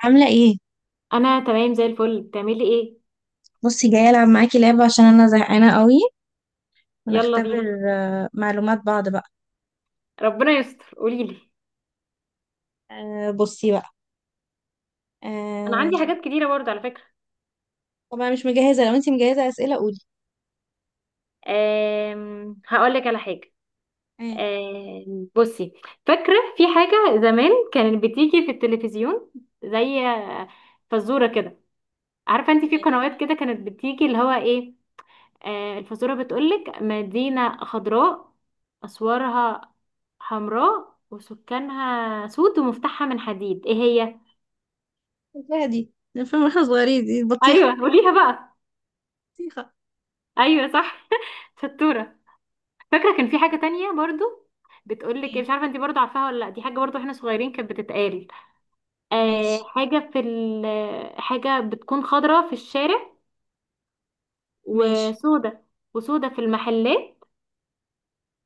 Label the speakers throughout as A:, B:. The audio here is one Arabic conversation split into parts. A: عاملة ايه؟
B: انا تمام زي الفل، بتعملي ايه؟
A: بصي، جاية ألعب معاكي لعبة عشان أنا زهقانة قوي
B: يلا
A: ونختبر.
B: بينا.
A: معلومات بعض بقى.
B: ربنا يستر، قولي لي.
A: بصي بقى.
B: انا
A: آه،
B: عندي حاجات كتيره برضه على فكره.
A: طبعا مش مجهزة. لو انتي مجهزة أسئلة قولي.
B: هقول لك على حاجه.
A: ايه؟
B: بصي. فاكره في حاجه زمان كانت بتيجي في التلفزيون، زي فزوره كده. عارفه انت في
A: ماشي.
B: قنوات كده كانت بتيجي اللي هو ايه؟ الفزوره بتقولك: مدينه خضراء، اسوارها حمراء، وسكانها سود، ومفتاحها من حديد، ايه هي؟
A: الفيها دي الفيلم واحنا صغيرين دي بطيخة.
B: ايوه قوليها بقى.
A: بطيخة.
B: ايوه صح شطوره. فاكره كان في
A: طب،
B: حاجه تانية برضو، بتقولك إيه،
A: ايه؟
B: مش عارفه انت برضو عارفاها ولا لا، دي حاجه برضو احنا صغيرين كانت بتتقال. آه
A: ماشي،
B: حاجه في ال حاجه بتكون خضرة في الشارع،
A: ماشي.
B: وسودة وسودة في المحلات،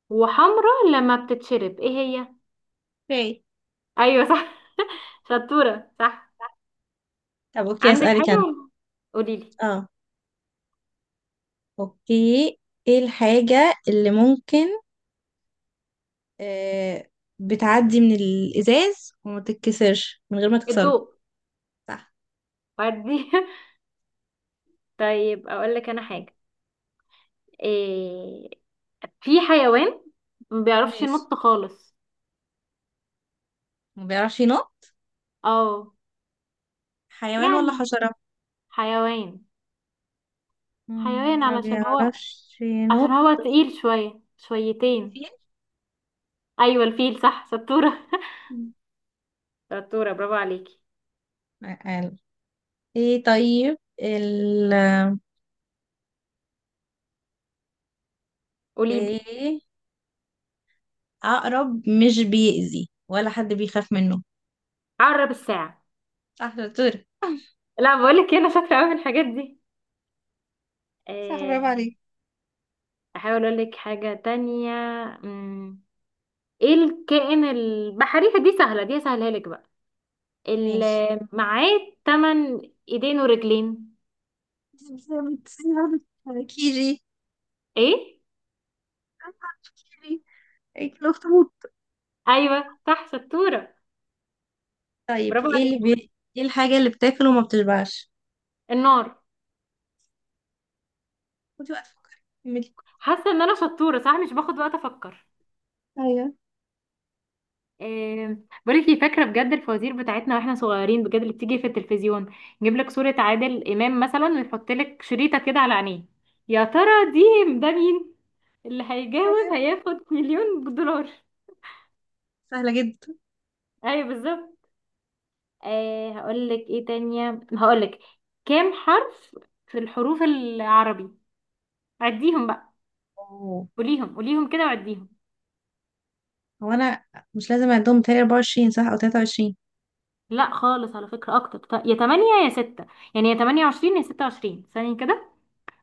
B: وحمرة لما بتتشرب، ايه هي؟
A: اوكي.
B: ايوه صح شطوره صح.
A: طب، اوكي،
B: عندك
A: أسألك أنا.
B: حاجه؟ قولي لي.
A: اه، اوكي. ايه الحاجة اللي ممكن آه، بتعدي من الإزاز وما تتكسرش من غير ما تكسره؟
B: الضوء.
A: صح.
B: فردي طيب اقول لك انا حاجه. إيه؟ في حيوان ما بيعرفش
A: ماشي.
B: ينط خالص.
A: ما بيعرفش ينط.
B: اه.
A: حيوان ولا
B: يعني
A: حشرة؟
B: حيوان. حيوان
A: ما
B: علشان هو
A: بيعرفش
B: عشان
A: ينط.
B: هو تقيل شوية شويتين.
A: فيل.
B: أيوة الفيل صح، شطورة شطورة برافو عليكي.
A: قال ايه؟ طيب ال،
B: قوليلي.
A: ايه؟ عقرب مش بيأذي ولا حد بيخاف منه.
B: عقرب الساعة.
A: صح دكتور.
B: لا، بقولك إيه، أنا شاطرة أوي في الحاجات دي.
A: صح، برافو
B: آه،
A: عليك.
B: أحاول أقولك حاجة تانية. مم، إيه الكائن البحري؟ دي سهلة، دي سهلها لك بقى،
A: ماشي.
B: اللي معاه تمن إيدين ورجلين.
A: كيجي.
B: إيه؟
A: كيجي. الاخطبوط.
B: أيوة صح شطورة،
A: طيب
B: برافو
A: ايه اللي
B: عليكي.
A: بي... ايه الحاجة اللي بتاكل وما بتشبعش؟
B: النار.
A: خدي وقت، فكري، كملي.
B: حاسة إن أنا شطورة صح، مش باخد وقت أفكر.
A: ايوه،
B: آه، بقولك ايه، فاكره بجد الفوازير بتاعتنا واحنا صغيرين، بجد اللي بتيجي في التلفزيون. نجيب لك صوره عادل امام مثلا ويحط لك شريطه كده على عينيه، يا ترى ده مين؟ اللي هيجاوب
A: ايوه.
B: هياخد مليون دولار.
A: سهلة
B: ايوه بالظبط. هقول لك ايه تانية، هقول لك كام حرف في الحروف العربي؟ عديهم بقى،
A: جدا.
B: قوليهم قوليهم كده وعديهم.
A: هو انا مش لازم اعدهم تاني؟ 24 صح او 23؟
B: لا خالص، على فكره اكتر، يا 8 يا 6، يعني يا 28 يا 26 ثانيه كده.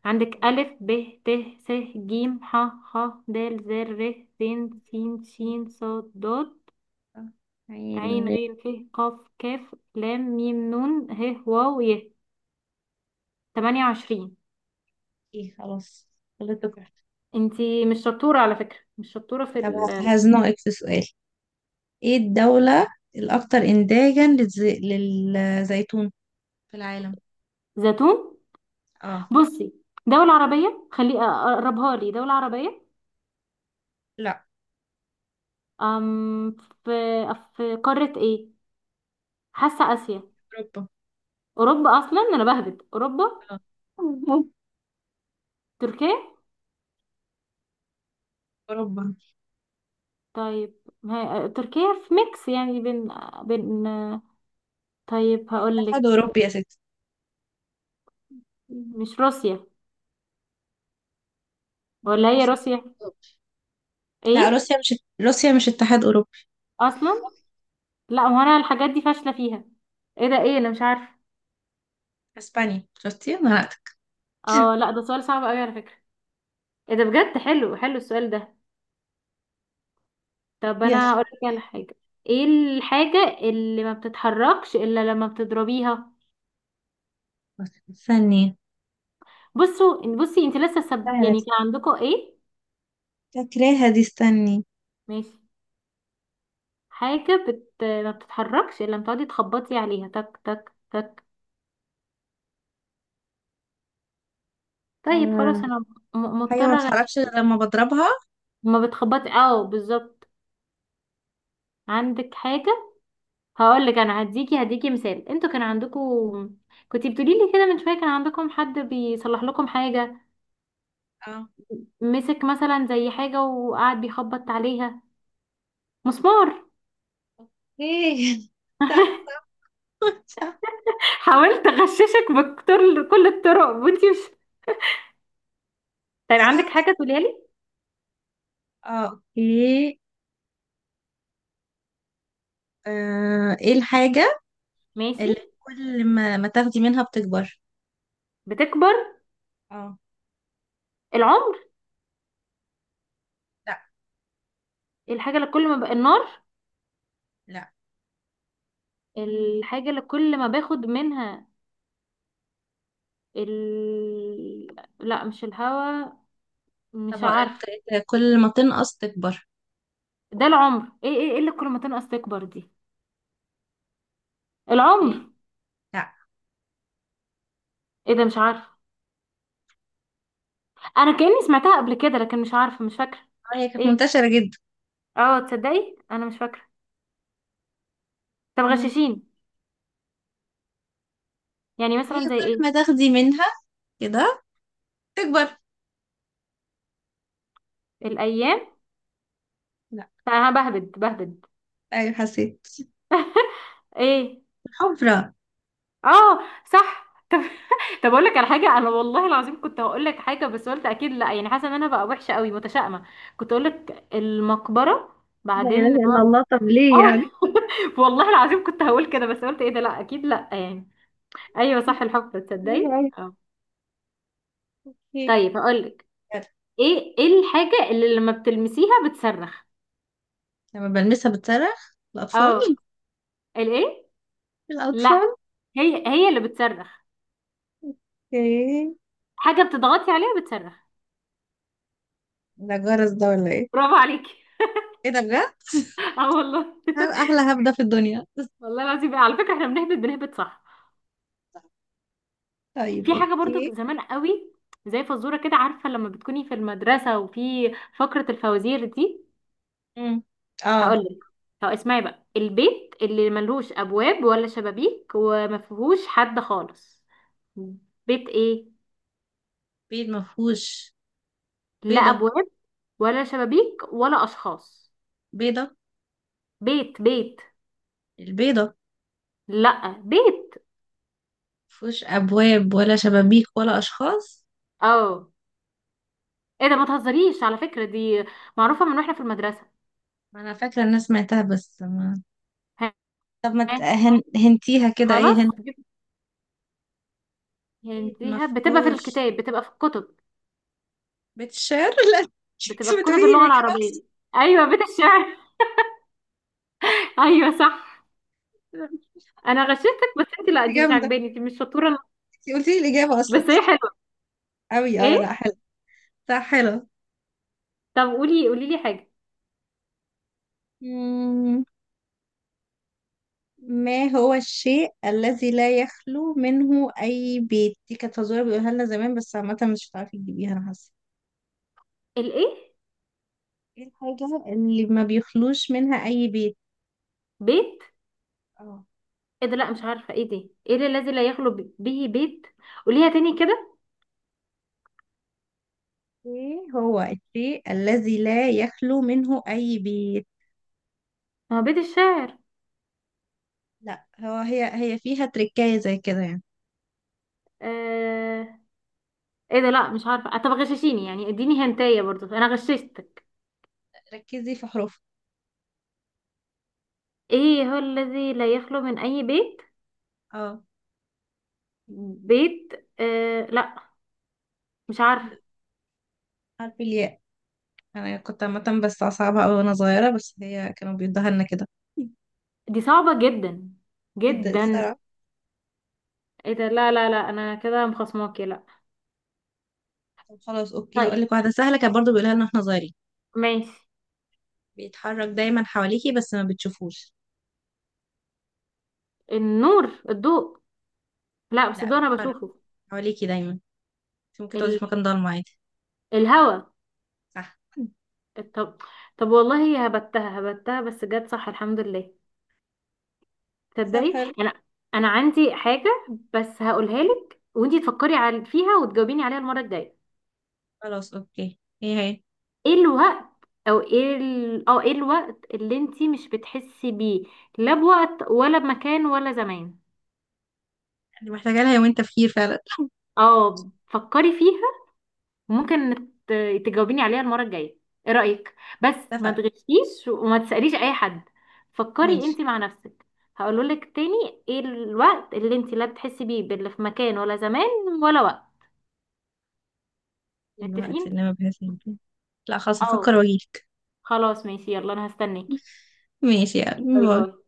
B: عندك ألف ب ت س ج ح خ د ذ ر س ش ص ض
A: عين
B: عين
A: غيري.
B: غين ف قاف كاف لام ميم نون ه واو ي 28.
A: خلاص. غلطت واحدة.
B: انتي مش شطورة على فكرة، مش شطورة في
A: طب، هزنقك في سؤال. ايه الدولة الاكثر انتاجا للز... للزيتون في العالم؟
B: الزيتون.
A: اه.
B: بصي، دولة عربية، خلي اقربها لي، دولة عربية.
A: لا.
B: أم في في قارة ايه؟ حاسة آسيا.
A: اوروبا.
B: أوروبا؟ أصلا أنا بهبد، أوروبا.
A: اه.
B: تركيا.
A: اوروبا.
B: طيب ما هي تركيا في ميكس، يعني بين. طيب
A: اتحاد
B: هقولك،
A: اوروبي يا ستي.
B: مش روسيا؟
A: لا،
B: ولا هي
A: روسيا.
B: روسيا؟
A: لا،
B: ايه؟
A: روسيا مش. روسيا مش اتحاد اوروبي.
B: اصلا لا، ما هو انا الحاجات دي فاشله فيها. ايه ده، ايه، انا مش عارفه.
A: اسبانيا، شفتي انا نطقتك.
B: اه لا، ده سؤال صعب قوي على فكره. ايه ده بجد، حلو حلو السؤال ده. طب
A: يلا.
B: انا هقول لك على حاجه، ايه الحاجه اللي ما بتتحركش الا لما بتضربيها؟
A: استني.
B: بصي انت لسه
A: سهلة.
B: يعني كان عندكم ايه؟
A: فاكراها دي، استني.
B: ماشي. حاجه ما بتتحركش الا لما تقعدي تخبطي عليها، تك تك تك. طيب خلاص انا
A: حاجة ما
B: مضطرة
A: بتتحركش غير
B: أغش-.
A: لما بضربها.
B: ما بتخبطي، اه بالظبط. عندك حاجة؟ هقول لك انا، هديكي مثال. انتوا كان عندكم، كنتي بتقولي لي كده من شوية، كان عندكم حد بيصلح لكم حاجة،
A: اه.
B: مسك مثلا زي حاجة وقعد بيخبط عليها. مسمار.
A: ايه؟ صح. صح.
B: حاولت اغششك بكتر كل الطرق وانتي مش. طيب عندك
A: صح.
B: حاجة تقوليها لي؟
A: اه، اوكي. ايه الحاجة
B: ماشي.
A: اللي كل ما تاخدي منها بتكبر؟
B: بتكبر.
A: اه.
B: العمر.
A: لا.
B: الحاجة اللي كل ما النار.
A: لا.
B: الحاجة اللي كل ما باخد منها ال... لا مش الهوا،
A: طب،
B: مش
A: هقولها
B: عارفه.
A: بطريقة، كل ما تنقص تكبر.
B: ده العمر؟ ايه اللي كل ما تنقص تكبر دي؟
A: ايه؟
B: العمر؟
A: لا.
B: ايه ده، مش عارفه. انا كأني سمعتها قبل كده لكن مش عارفه، مش فاكره.
A: هي كانت
B: ايه؟
A: منتشرة جدا.
B: اه، تصدقي انا مش فاكره. طب
A: مم.
B: غششين. يعني
A: هي
B: مثلا زي
A: كل
B: ايه؟
A: ما تاخدي منها كده تكبر.
B: الايام.
A: لا.
B: انا بهبد بهبد.
A: ايوه، حسيت.
B: ايه؟
A: حفرة.
B: اه صح طب اقول لك على حاجه. انا والله العظيم كنت هقول لك حاجه بس قلت اكيد لا، يعني حاسه ان انا بقى وحشه قوي متشائمه. كنت اقول لك المقبره.
A: لا
B: بعدين.
A: اله الا الله، طب ليه
B: اه.
A: يعني؟
B: والله العظيم كنت هقول كده بس قلت ايه ده، لا اكيد لا يعني. ايوه صح، الحفرة،
A: غريبة
B: تصدقي،
A: أوي.
B: اه.
A: ايه؟
B: طيب هقول لك،
A: يلا.
B: ايه الحاجة اللي لما بتلمسيها بتصرخ؟
A: لما بلمسها بتصرخ؟
B: اه.
A: الأطفال.
B: الايه؟ لا.
A: الأطفال.
B: هي هي اللي بتصرخ.
A: اوكي.
B: حاجة بتضغطي عليها بتصرخ.
A: ده جرس ده ولا ايه؟
B: برافو عليكي
A: ايه ده بجد!
B: اه والله،
A: احلى هبدة في الدنيا.
B: والله العظيم على فكرة احنا بنهبط بنهبط صح.
A: طيب،
B: في حاجة
A: اوكي.
B: برضو زمان قوي، زي فزورة كده، عارفة لما بتكوني في المدرسة وفي فقرة الفوازير دي.
A: مم. اه.
B: هقول لك. هو اسمعي بقى، البيت اللي ملهوش ابواب ولا شبابيك وما فيهوش حد خالص، بيت ايه؟
A: بيت مفهوش.
B: لا
A: بيضة.
B: ابواب ولا شبابيك ولا اشخاص.
A: بيضة.
B: بيت بيت.
A: البيضة.
B: لا بيت.
A: مفهوش أبواب ولا شبابيك ولا أشخاص.
B: اه. ايه ده، ما تهزريش على فكرة، دي معروفة من واحنا في المدرسة.
A: ما أنا فاكرة الناس سمعتها بس ما.
B: ها.
A: طب ما
B: ها،
A: هنتيها كده، ايه
B: خلاص.
A: هن. بيت
B: هنتيها بتبقى في
A: مفهوش.
B: الكتاب، بتبقى في الكتب،
A: بيت الشعر. لا،
B: بتبقى
A: انت
B: في
A: بتقولي
B: كتب
A: لي
B: اللغة
A: الاجابه احسن.
B: العربية، ايوه بيت الشعر. ايوه صح. انا غششتك، بس انت
A: انت
B: لا دي مش
A: جامده.
B: عاجباني، انت مش شطورة.
A: انت قلتي لي الاجابه اصلا.
B: بس هي حلوة.
A: قوي. اه، لا،
B: ايه؟
A: حلو. صح، حلو.
B: طب قولي قولي لي حاجه.
A: ما هو الشيء الذي لا يخلو منه أي بيت؟ دي كانت فزورة بيقولها لنا زمان، بس عامة مش هتعرفي تجيبيها، أنا حاسة.
B: الايه؟
A: ايه الحاجة اللي ما بيخلوش منها أي بيت؟
B: بيت؟
A: اه.
B: ايه ده لا، مش عارفه ايه دي. ايه ده الذي لا يخلو به بيت؟ قوليها تاني كده.
A: ايه هو الشيء الذي لا يخلو منه أي بيت؟
B: ما هو بيت الشاعر؟
A: لا، هو هي فيها تركاية زي كده يعني.
B: آه... ايه ده لا، مش عارفه. طب غششيني يعني، اديني هنتايه، برضو انا غششتك.
A: ركزي في حروفها.
B: ايه هو الذي لا يخلو من اي بيت؟
A: اه.
B: بيت؟ لا مش عارفه.
A: حرف الياء. أنا كنت عامة، بس أصعبها أوي وأنا صغيرة، بس هي كانوا بيدوها لنا كده.
B: دي صعبه جدا
A: جدا
B: جدا.
A: الصراحة.
B: ايه ده لا لا لا، انا كده مخصماكي لا.
A: طب خلاص، أوكي، هقول
B: طيب
A: لك واحدة سهلة كانت برضه بيقولها لنا واحنا صغيرين.
B: ماشي.
A: بيتحرك دايما حواليكي بس ما بتشوفوش.
B: النور، الضوء. لا بس
A: لا،
B: الضوء انا
A: بيتحرك
B: بشوفه.
A: حواليكي دايما. انت ممكن تقعدي
B: ال...
A: في مكان ضلمة عادي.
B: الهوا.
A: صح.
B: طب طب والله هي هبتها هبتها بس جت صح، الحمد لله.
A: طب،
B: تصدقي
A: حلو.
B: انا عندي حاجه، بس هقولها لك وانتي تفكري على فيها وتجاوبيني عليها المره الجايه.
A: خلاص، اوكي، ايه هي؟
B: ايه الوقت او ايه ال... اه ايه الوقت اللي انتي مش بتحسي بيه، لا بوقت ولا بمكان ولا زمان؟
A: اللي محتاجة لها يومين تفكير فعلا.
B: اه، فكري فيها. وممكن ت- تجاوبيني عليها المرة الجاية. ايه رأيك؟ بس ما
A: اتفقنا.
B: تغشيش وما تسأليش اي حد. فكري
A: ماشي.
B: انت مع نفسك. هقوله لك تاني، ايه الوقت اللي انت لا بتحسي بيه باللي في مكان ولا زمان ولا وقت؟
A: الوقت
B: متفقين.
A: اللي ما بحس. لا خلاص،
B: اه،
A: هفكر واجيلك.
B: خلاص ماشي، يلا انا هستناكي.
A: ماشي، يعني
B: باي باي.
A: باي.